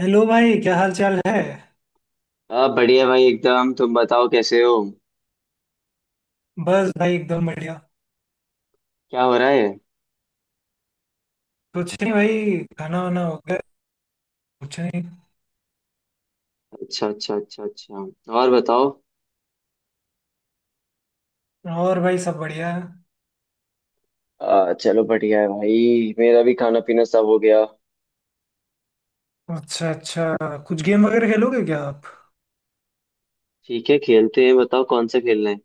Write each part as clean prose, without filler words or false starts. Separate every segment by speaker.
Speaker 1: Hello भाई, क्या हाल चाल है।
Speaker 2: हाँ बढ़िया भाई एकदम। तुम बताओ कैसे हो?
Speaker 1: बस भाई, एकदम बढ़िया।
Speaker 2: क्या हो रहा है?
Speaker 1: कुछ नहीं भाई, खाना वाना हो गया। कुछ नहीं।
Speaker 2: अच्छा अच्छा अच्छा अच्छा। और बताओ।
Speaker 1: और भाई, सब बढ़िया है।
Speaker 2: चलो बढ़िया है भाई, मेरा भी खाना पीना सब हो गया।
Speaker 1: अच्छा अच्छा। कुछ गेम वगैरह खेलोगे क्या आप?
Speaker 2: ठीक है, खेलते हैं, बताओ कौन सा खेलना है।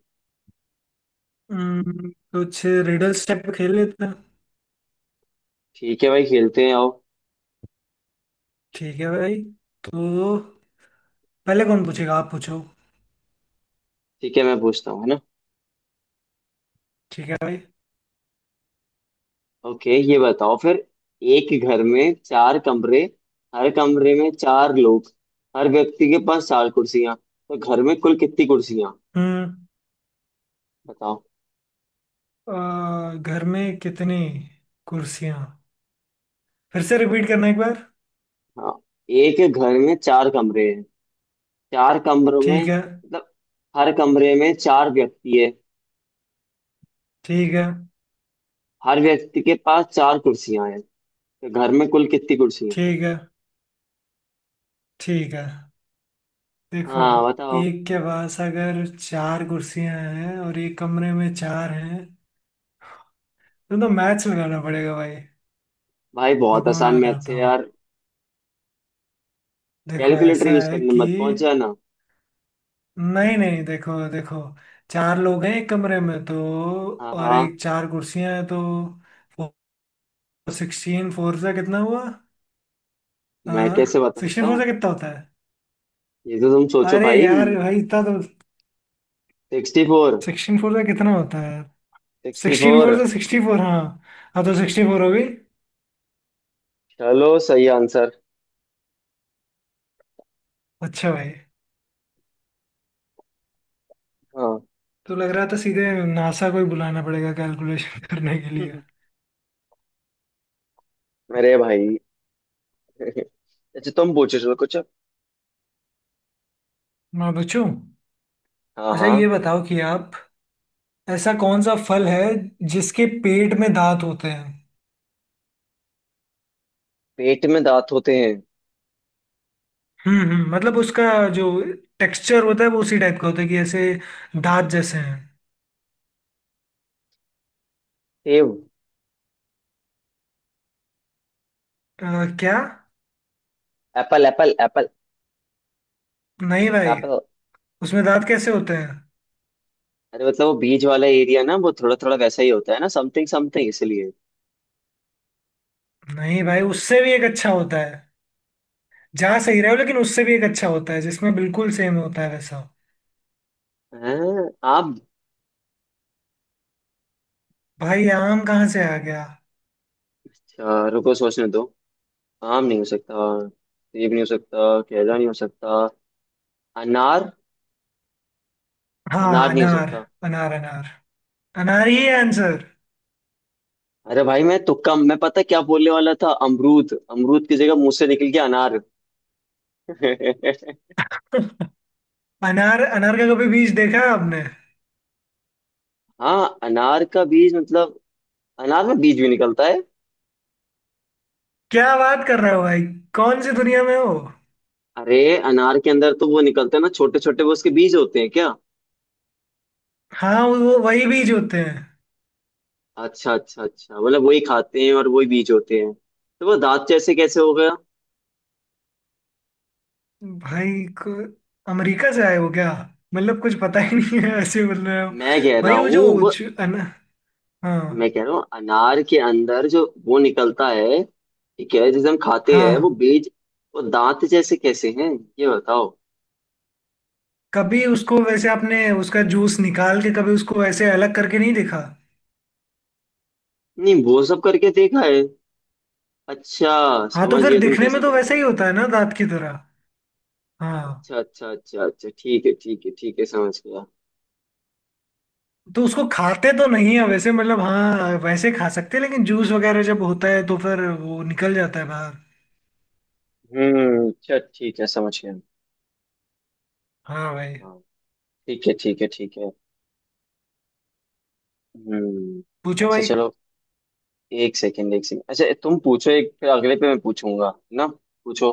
Speaker 1: हम्म, कुछ रिडल्स टाइप खेल लेते हैं।
Speaker 2: ठीक है भाई, खेलते हैं, आओ।
Speaker 1: ठीक है भाई। तो पहले कौन पूछेगा, आप पूछो।
Speaker 2: ठीक है, मैं पूछता हूँ, है ना।
Speaker 1: ठीक है भाई।
Speaker 2: ओके, ये बताओ फिर। एक घर में चार कमरे, हर कमरे में चार लोग, हर व्यक्ति के पास चार कुर्सियां, तो घर में कुल कितनी कुर्सियां?
Speaker 1: हम्म।
Speaker 2: बताओ।
Speaker 1: घर में कितनी कुर्सियां, फिर से रिपीट करना एक बार।
Speaker 2: हाँ, एक घर में चार कमरे हैं। चार कमरों में
Speaker 1: ठीक है।
Speaker 2: मतलब हर कमरे में चार व्यक्ति है।
Speaker 1: ठीक है।
Speaker 2: हर व्यक्ति के पास चार कुर्सियां हैं। तो घर में कुल कितनी कुर्सियां?
Speaker 1: ठीक है। ठीक है। देखो,
Speaker 2: हाँ बताओ।
Speaker 1: एक के पास अगर चार कुर्सियां हैं और एक कमरे में चार हैं तो मैच लगाना पड़ेगा भाई।
Speaker 2: भाई बहुत
Speaker 1: देखो
Speaker 2: आसान
Speaker 1: मैं
Speaker 2: मैथ्स
Speaker 1: बताता
Speaker 2: है
Speaker 1: हूँ।
Speaker 2: यार।
Speaker 1: देखो
Speaker 2: कैलकुलेटर
Speaker 1: ऐसा
Speaker 2: यूज
Speaker 1: है
Speaker 2: करने
Speaker 1: कि
Speaker 2: मत पहुंच जाना।
Speaker 1: नहीं नहीं, देखो देखो, चार लोग हैं एक कमरे में तो,
Speaker 2: हाँ
Speaker 1: और
Speaker 2: हाँ।
Speaker 1: एक चार कुर्सियां हैं तो फोर। सिक्सटीन फोर से कितना हुआ?
Speaker 2: मैं कैसे
Speaker 1: हाँ,
Speaker 2: बता सकता
Speaker 1: सिक्सटीन फोर से
Speaker 2: हूँ?
Speaker 1: कितना होता है?
Speaker 2: ये तो तुम सोचो
Speaker 1: अरे
Speaker 2: भाई।
Speaker 1: यार भाई, इतना तो।
Speaker 2: Sixty four.
Speaker 1: सिक्सटीन फोर से कितना होता है?
Speaker 2: Sixty
Speaker 1: sixteen
Speaker 2: four.
Speaker 1: फोर से सिक्सटी फोर, हाँ। हाँ तो सिक्सटी फोर हो गई।
Speaker 2: चलो, सही आंसर।
Speaker 1: अच्छा भाई।
Speaker 2: हाँ।
Speaker 1: तो लग रहा था सीधे नासा को ही बुलाना पड़ेगा कैलकुलेशन करने के लिए।
Speaker 2: मेरे भाई। अच्छा, तुम पूछो चलो कुछ।
Speaker 1: मैं पूछूं?
Speaker 2: हाँ
Speaker 1: अच्छा ये
Speaker 2: हाँ।
Speaker 1: बताओ कि आप, ऐसा कौन सा फल है जिसके पेट में दांत होते हैं?
Speaker 2: पेट में दांत होते हैं?
Speaker 1: हम्म, मतलब उसका जो टेक्सचर होता है वो उसी टाइप का होता है कि ऐसे दांत जैसे हैं।
Speaker 2: सेब।
Speaker 1: क्या?
Speaker 2: एप्पल एप्पल एप्पल
Speaker 1: नहीं भाई,
Speaker 2: एप्पल।
Speaker 1: उसमें दांत कैसे होते हैं?
Speaker 2: अरे मतलब वो बीच वाला एरिया ना, वो थोड़ा थोड़ा वैसा ही होता है ना, समथिंग समथिंग, इसलिए।
Speaker 1: नहीं भाई, उससे भी एक अच्छा होता है। जा सही रहे हो लेकिन उससे भी एक अच्छा होता है जिसमें बिल्कुल सेम होता है वैसा।
Speaker 2: हैं? आम।
Speaker 1: भाई, आम कहाँ से आ गया?
Speaker 2: अच्छा, रुको सोचने दो। आम नहीं हो सकता, सेब नहीं हो सकता, केला नहीं हो सकता। अनार।
Speaker 1: हाँ
Speaker 2: अनार नहीं हो
Speaker 1: अनार।
Speaker 2: सकता।
Speaker 1: अनार अनार। अनार ही आंसर।
Speaker 2: अरे भाई मैं तुक्का, मैं पता क्या बोलने वाला था, अमरूद। अमरूद की जगह मुंह से निकल गया अनार।
Speaker 1: अनार, अनार का कभी बीज देखा है आपने?
Speaker 2: हाँ अनार का बीज मतलब? अनार में बीज भी निकलता है?
Speaker 1: क्या बात कर रहे हो भाई, कौन सी दुनिया में हो।
Speaker 2: अरे अनार के अंदर तो वो निकलते हैं ना, छोटे छोटे, वो उसके बीज होते हैं क्या?
Speaker 1: हाँ, वो वही बीज होते हैं।
Speaker 2: अच्छा अच्छा अच्छा, मतलब वही खाते हैं और वही बीज होते हैं। तो वो दांत जैसे कैसे हो गया?
Speaker 1: भाई को अमेरिका से आए हो क्या, मतलब कुछ पता ही नहीं है ऐसे बोल रहे हो।
Speaker 2: मैं कह रहा
Speaker 1: भाई वो
Speaker 2: हूँ
Speaker 1: जो
Speaker 2: वो,
Speaker 1: हाँ।
Speaker 2: मैं कह रहा हूँ अनार के अंदर जो वो निकलता है, ठीक है, जैसे हम खाते हैं वो
Speaker 1: हाँ।
Speaker 2: बीज, वो दांत जैसे कैसे हैं, ये बताओ।
Speaker 1: कभी उसको वैसे आपने उसका जूस निकाल के कभी उसको ऐसे अलग करके नहीं देखा?
Speaker 2: नहीं, वो सब करके देखा है। अच्छा,
Speaker 1: हाँ तो
Speaker 2: समझ
Speaker 1: फिर
Speaker 2: गया तुम
Speaker 1: दिखने में
Speaker 2: कैसे
Speaker 1: तो
Speaker 2: कहना चाह
Speaker 1: वैसे ही
Speaker 2: रहे हो।
Speaker 1: होता है ना दांत की तरह। हाँ।
Speaker 2: अच्छा अच्छा अच्छा अच्छा, ठीक है ठीक है ठीक है, समझ गया।
Speaker 1: तो उसको खाते तो नहीं है वैसे, मतलब हाँ वैसे खा सकते हैं लेकिन जूस वगैरह जब होता है तो फिर वो निकल जाता है बाहर।
Speaker 2: हम्म, अच्छा ठीक है समझ गया।
Speaker 1: हाँ भाई।
Speaker 2: हाँ। ठीक है ठीक है ठीक है। हम्म।
Speaker 1: पूछो
Speaker 2: अच्छा
Speaker 1: भाई।
Speaker 2: चलो। एक सेकेंड एक सेकेंड, अच्छा तुम पूछो एक, फिर अगले पे मैं पूछूंगा, है ना। पूछो।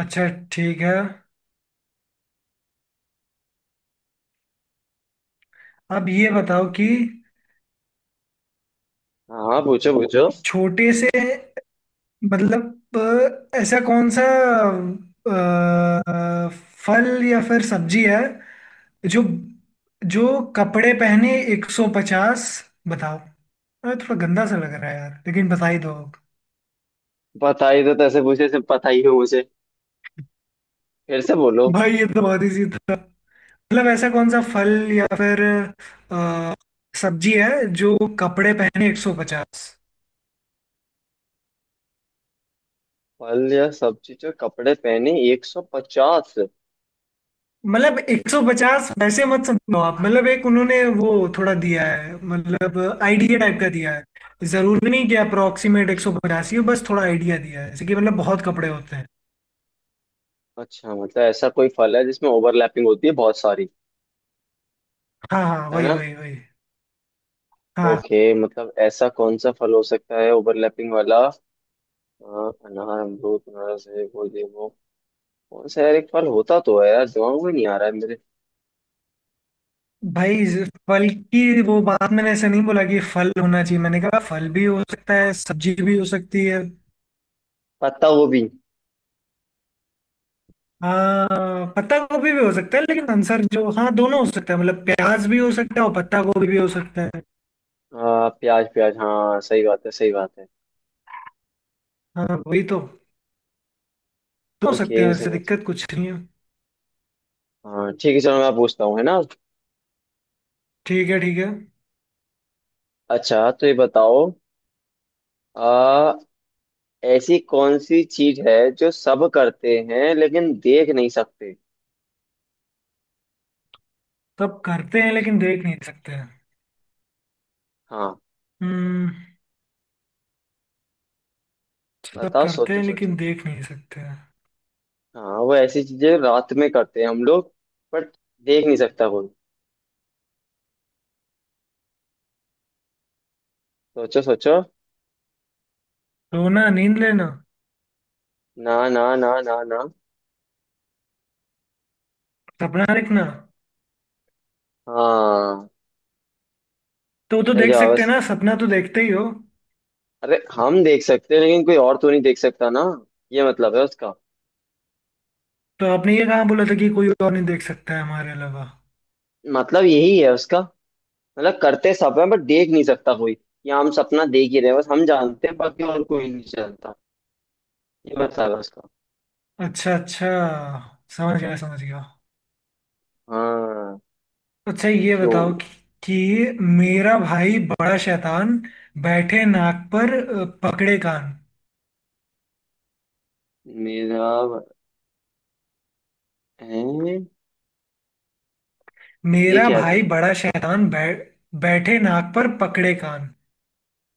Speaker 1: अच्छा, ठीक है। अब ये बताओ कि,
Speaker 2: हाँ पूछो पूछो।
Speaker 1: छोटे से मतलब, ऐसा कौन सा अ, फल या फिर सब्जी है जो जो कपड़े पहने 150। बताओ। अरे थोड़ा गंदा सा लग रहा है यार, लेकिन बता ही दो।
Speaker 2: पता ही तो तैसे पूछे से पता ही हो मुझे। फिर से बोलो।
Speaker 1: भाई ये तो बहुत इजी था। मतलब ऐसा कौन सा फल या फिर अ, सब्जी है जो कपड़े पहने 150।
Speaker 2: फल या सब्जी जो कपड़े पहने 150।
Speaker 1: मतलब 150 वैसे मत समझो आप, मतलब एक उन्होंने वो थोड़ा दिया है, मतलब आइडिया टाइप का दिया है, जरूरी नहीं कि अप्रोक्सीमेट 150 ही हो, बस थोड़ा आइडिया दिया है जैसे कि मतलब बहुत कपड़े होते हैं।
Speaker 2: अच्छा, मतलब ऐसा कोई फल है जिसमें ओवरलैपिंग होती है बहुत सारी,
Speaker 1: हाँ हाँ,
Speaker 2: है
Speaker 1: वही
Speaker 2: ना?
Speaker 1: वही वही। हाँ।
Speaker 2: ओके, मतलब ऐसा कौन सा फल हो सकता है ओवरलैपिंग वाला? अ, अनार, अमरूद, अनारस, है वो ये वो, कौन सा यार? एक फल होता तो है यार, दिमाग में नहीं आ रहा है मेरे।
Speaker 1: भाई फल की वो बात मैंने ऐसे नहीं बोला कि फल होना चाहिए, मैंने कहा फल भी हो सकता है सब्जी भी हो सकती है।
Speaker 2: पत्ता गोभी।
Speaker 1: हाँ पत्ता गोभी भी हो सकता है लेकिन आंसर जो, हाँ दोनों हो सकता है, मतलब प्याज भी हो सकता है और पत्ता गोभी भी हो सकता है।
Speaker 2: हाँ प्याज प्याज, हाँ सही बात है सही बात है।
Speaker 1: हाँ वही तो दो हो सकते हैं,
Speaker 2: ओके
Speaker 1: वैसे
Speaker 2: समझ।
Speaker 1: दिक्कत कुछ नहीं है।
Speaker 2: हाँ ठीक है, चलो मैं पूछता हूँ, है ना।
Speaker 1: ठीक है ठीक है।
Speaker 2: अच्छा तो ये बताओ। आ, ऐसी कौन सी चीज है जो सब करते हैं लेकिन देख नहीं सकते?
Speaker 1: सब करते हैं लेकिन देख नहीं सकते हैं।
Speaker 2: हाँ
Speaker 1: हम्म सब
Speaker 2: बताओ,
Speaker 1: करते
Speaker 2: सोचो
Speaker 1: हैं
Speaker 2: सोचो।
Speaker 1: लेकिन देख नहीं सकते हैं।
Speaker 2: हाँ वो ऐसी चीजें रात में करते हैं हम लोग, बट देख नहीं सकता कोई। सोचो सोचो।
Speaker 1: सोना, नींद लेना।
Speaker 2: ना ना ना ना ना।
Speaker 1: सपना देखना।
Speaker 2: हाँ
Speaker 1: तो वो तो
Speaker 2: सही
Speaker 1: देख
Speaker 2: जवाब
Speaker 1: सकते हैं
Speaker 2: है।
Speaker 1: ना, सपना तो देखते ही हो।
Speaker 2: अरे हम देख सकते हैं लेकिन कोई और तो नहीं देख सकता ना, ये मतलब है उसका।
Speaker 1: तो आपने ये कहाँ बोला था कि कोई और नहीं देख सकता है हमारे अलावा।
Speaker 2: मतलब यही है उसका, मतलब करते सब है बट देख नहीं सकता कोई। ये हम सपना देख ही रहे हैं बस, हम जानते हैं बाकी और कोई नहीं जानता। ये बता बस का।
Speaker 1: अच्छा अच्छा, समझ गया समझ गया।
Speaker 2: हाँ।
Speaker 1: अच्छा ये
Speaker 2: यो
Speaker 1: बताओ कि मेरा भाई बड़ा शैतान, बैठे नाक पर, पकड़े कान।
Speaker 2: मेरा है। ये
Speaker 1: मेरा
Speaker 2: क्या है
Speaker 1: भाई
Speaker 2: भाई?
Speaker 1: बड़ा शैतान बैठे नाक पर पकड़े कान।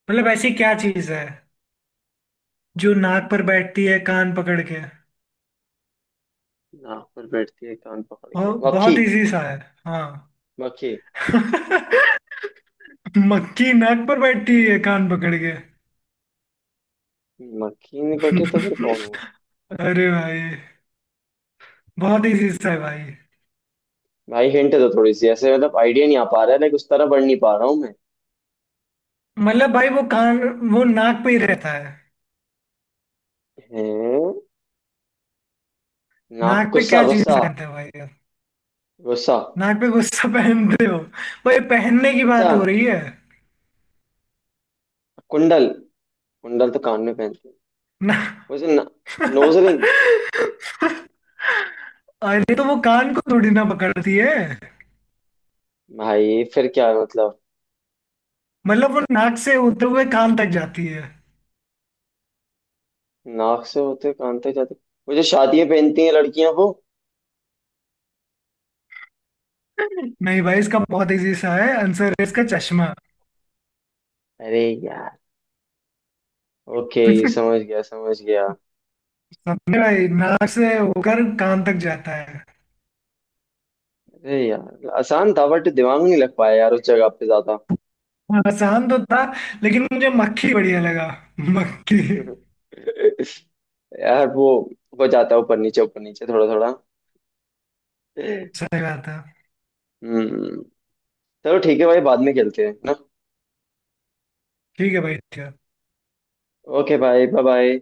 Speaker 1: मतलब ऐसी क्या चीज है जो नाक पर बैठती है कान पकड़ के?
Speaker 2: नाक पर बैठती है कान पकड़ के?
Speaker 1: और
Speaker 2: मक्खी।
Speaker 1: बहुत इजी सा है। हाँ।
Speaker 2: मक्खी।
Speaker 1: मक्खी नाक पर बैठती है कान पकड़ के।
Speaker 2: मक्खी नहीं बैठी तो फिर कौन हुआ?
Speaker 1: अरे भाई, बहुत इजी सा है भाई।
Speaker 2: भाई हिंट दो थोड़ी सी, ऐसे मतलब आइडिया नहीं आ पा रहा है, लाइक उस तरह बढ़ नहीं पा रहा हूँ मैं।
Speaker 1: मतलब भाई वो कान, वो नाक पे ही रहता है।
Speaker 2: हैं? नाक
Speaker 1: नाक पे
Speaker 2: गुस्सा,
Speaker 1: क्या चीज
Speaker 2: गुस्सा
Speaker 1: पहनते हो भाई यार?
Speaker 2: गुस्सा।
Speaker 1: नाक पे गुस्सा पहनते हो? भाई पहनने की
Speaker 2: अच्छा,
Speaker 1: बात हो रही है
Speaker 2: कुंडल। कुंडल तो कान में पहनते हैं
Speaker 1: ना।
Speaker 2: वैसे। Nose ring.
Speaker 1: अरे तो वो कान को थोड़ी ना पकड़ती है।
Speaker 2: भाई फिर क्या है मतलब?
Speaker 1: मतलब वो नाक से होते हुए कान तक जाती है।
Speaker 2: नाक से होते कान तक जाते। वो जो शादियां पहनती हैं लड़कियां वो।
Speaker 1: नहीं भाई, इसका बहुत इजी सा है आंसर, है इसका चश्मा।
Speaker 2: अरे यार। ओके, समझ गया समझ गया।
Speaker 1: समझे भाई? नाक से होकर कान तक जाता है।
Speaker 2: अरे यार आसान था बट दिमाग नहीं लग पाया यार उस जगह पे ज्यादा।
Speaker 1: आसान तो था, लेकिन मुझे मक्खी बढ़िया लगा। मक्खी।
Speaker 2: यार वो हो जाता है ऊपर नीचे थोड़ा थोड़ा।
Speaker 1: सही बात है।
Speaker 2: हम्म। चलो ठीक है भाई, बाद में खेलते हैं ना।
Speaker 1: ठीक है भाई, ठीक है।
Speaker 2: ओके भाई, बाय बाय।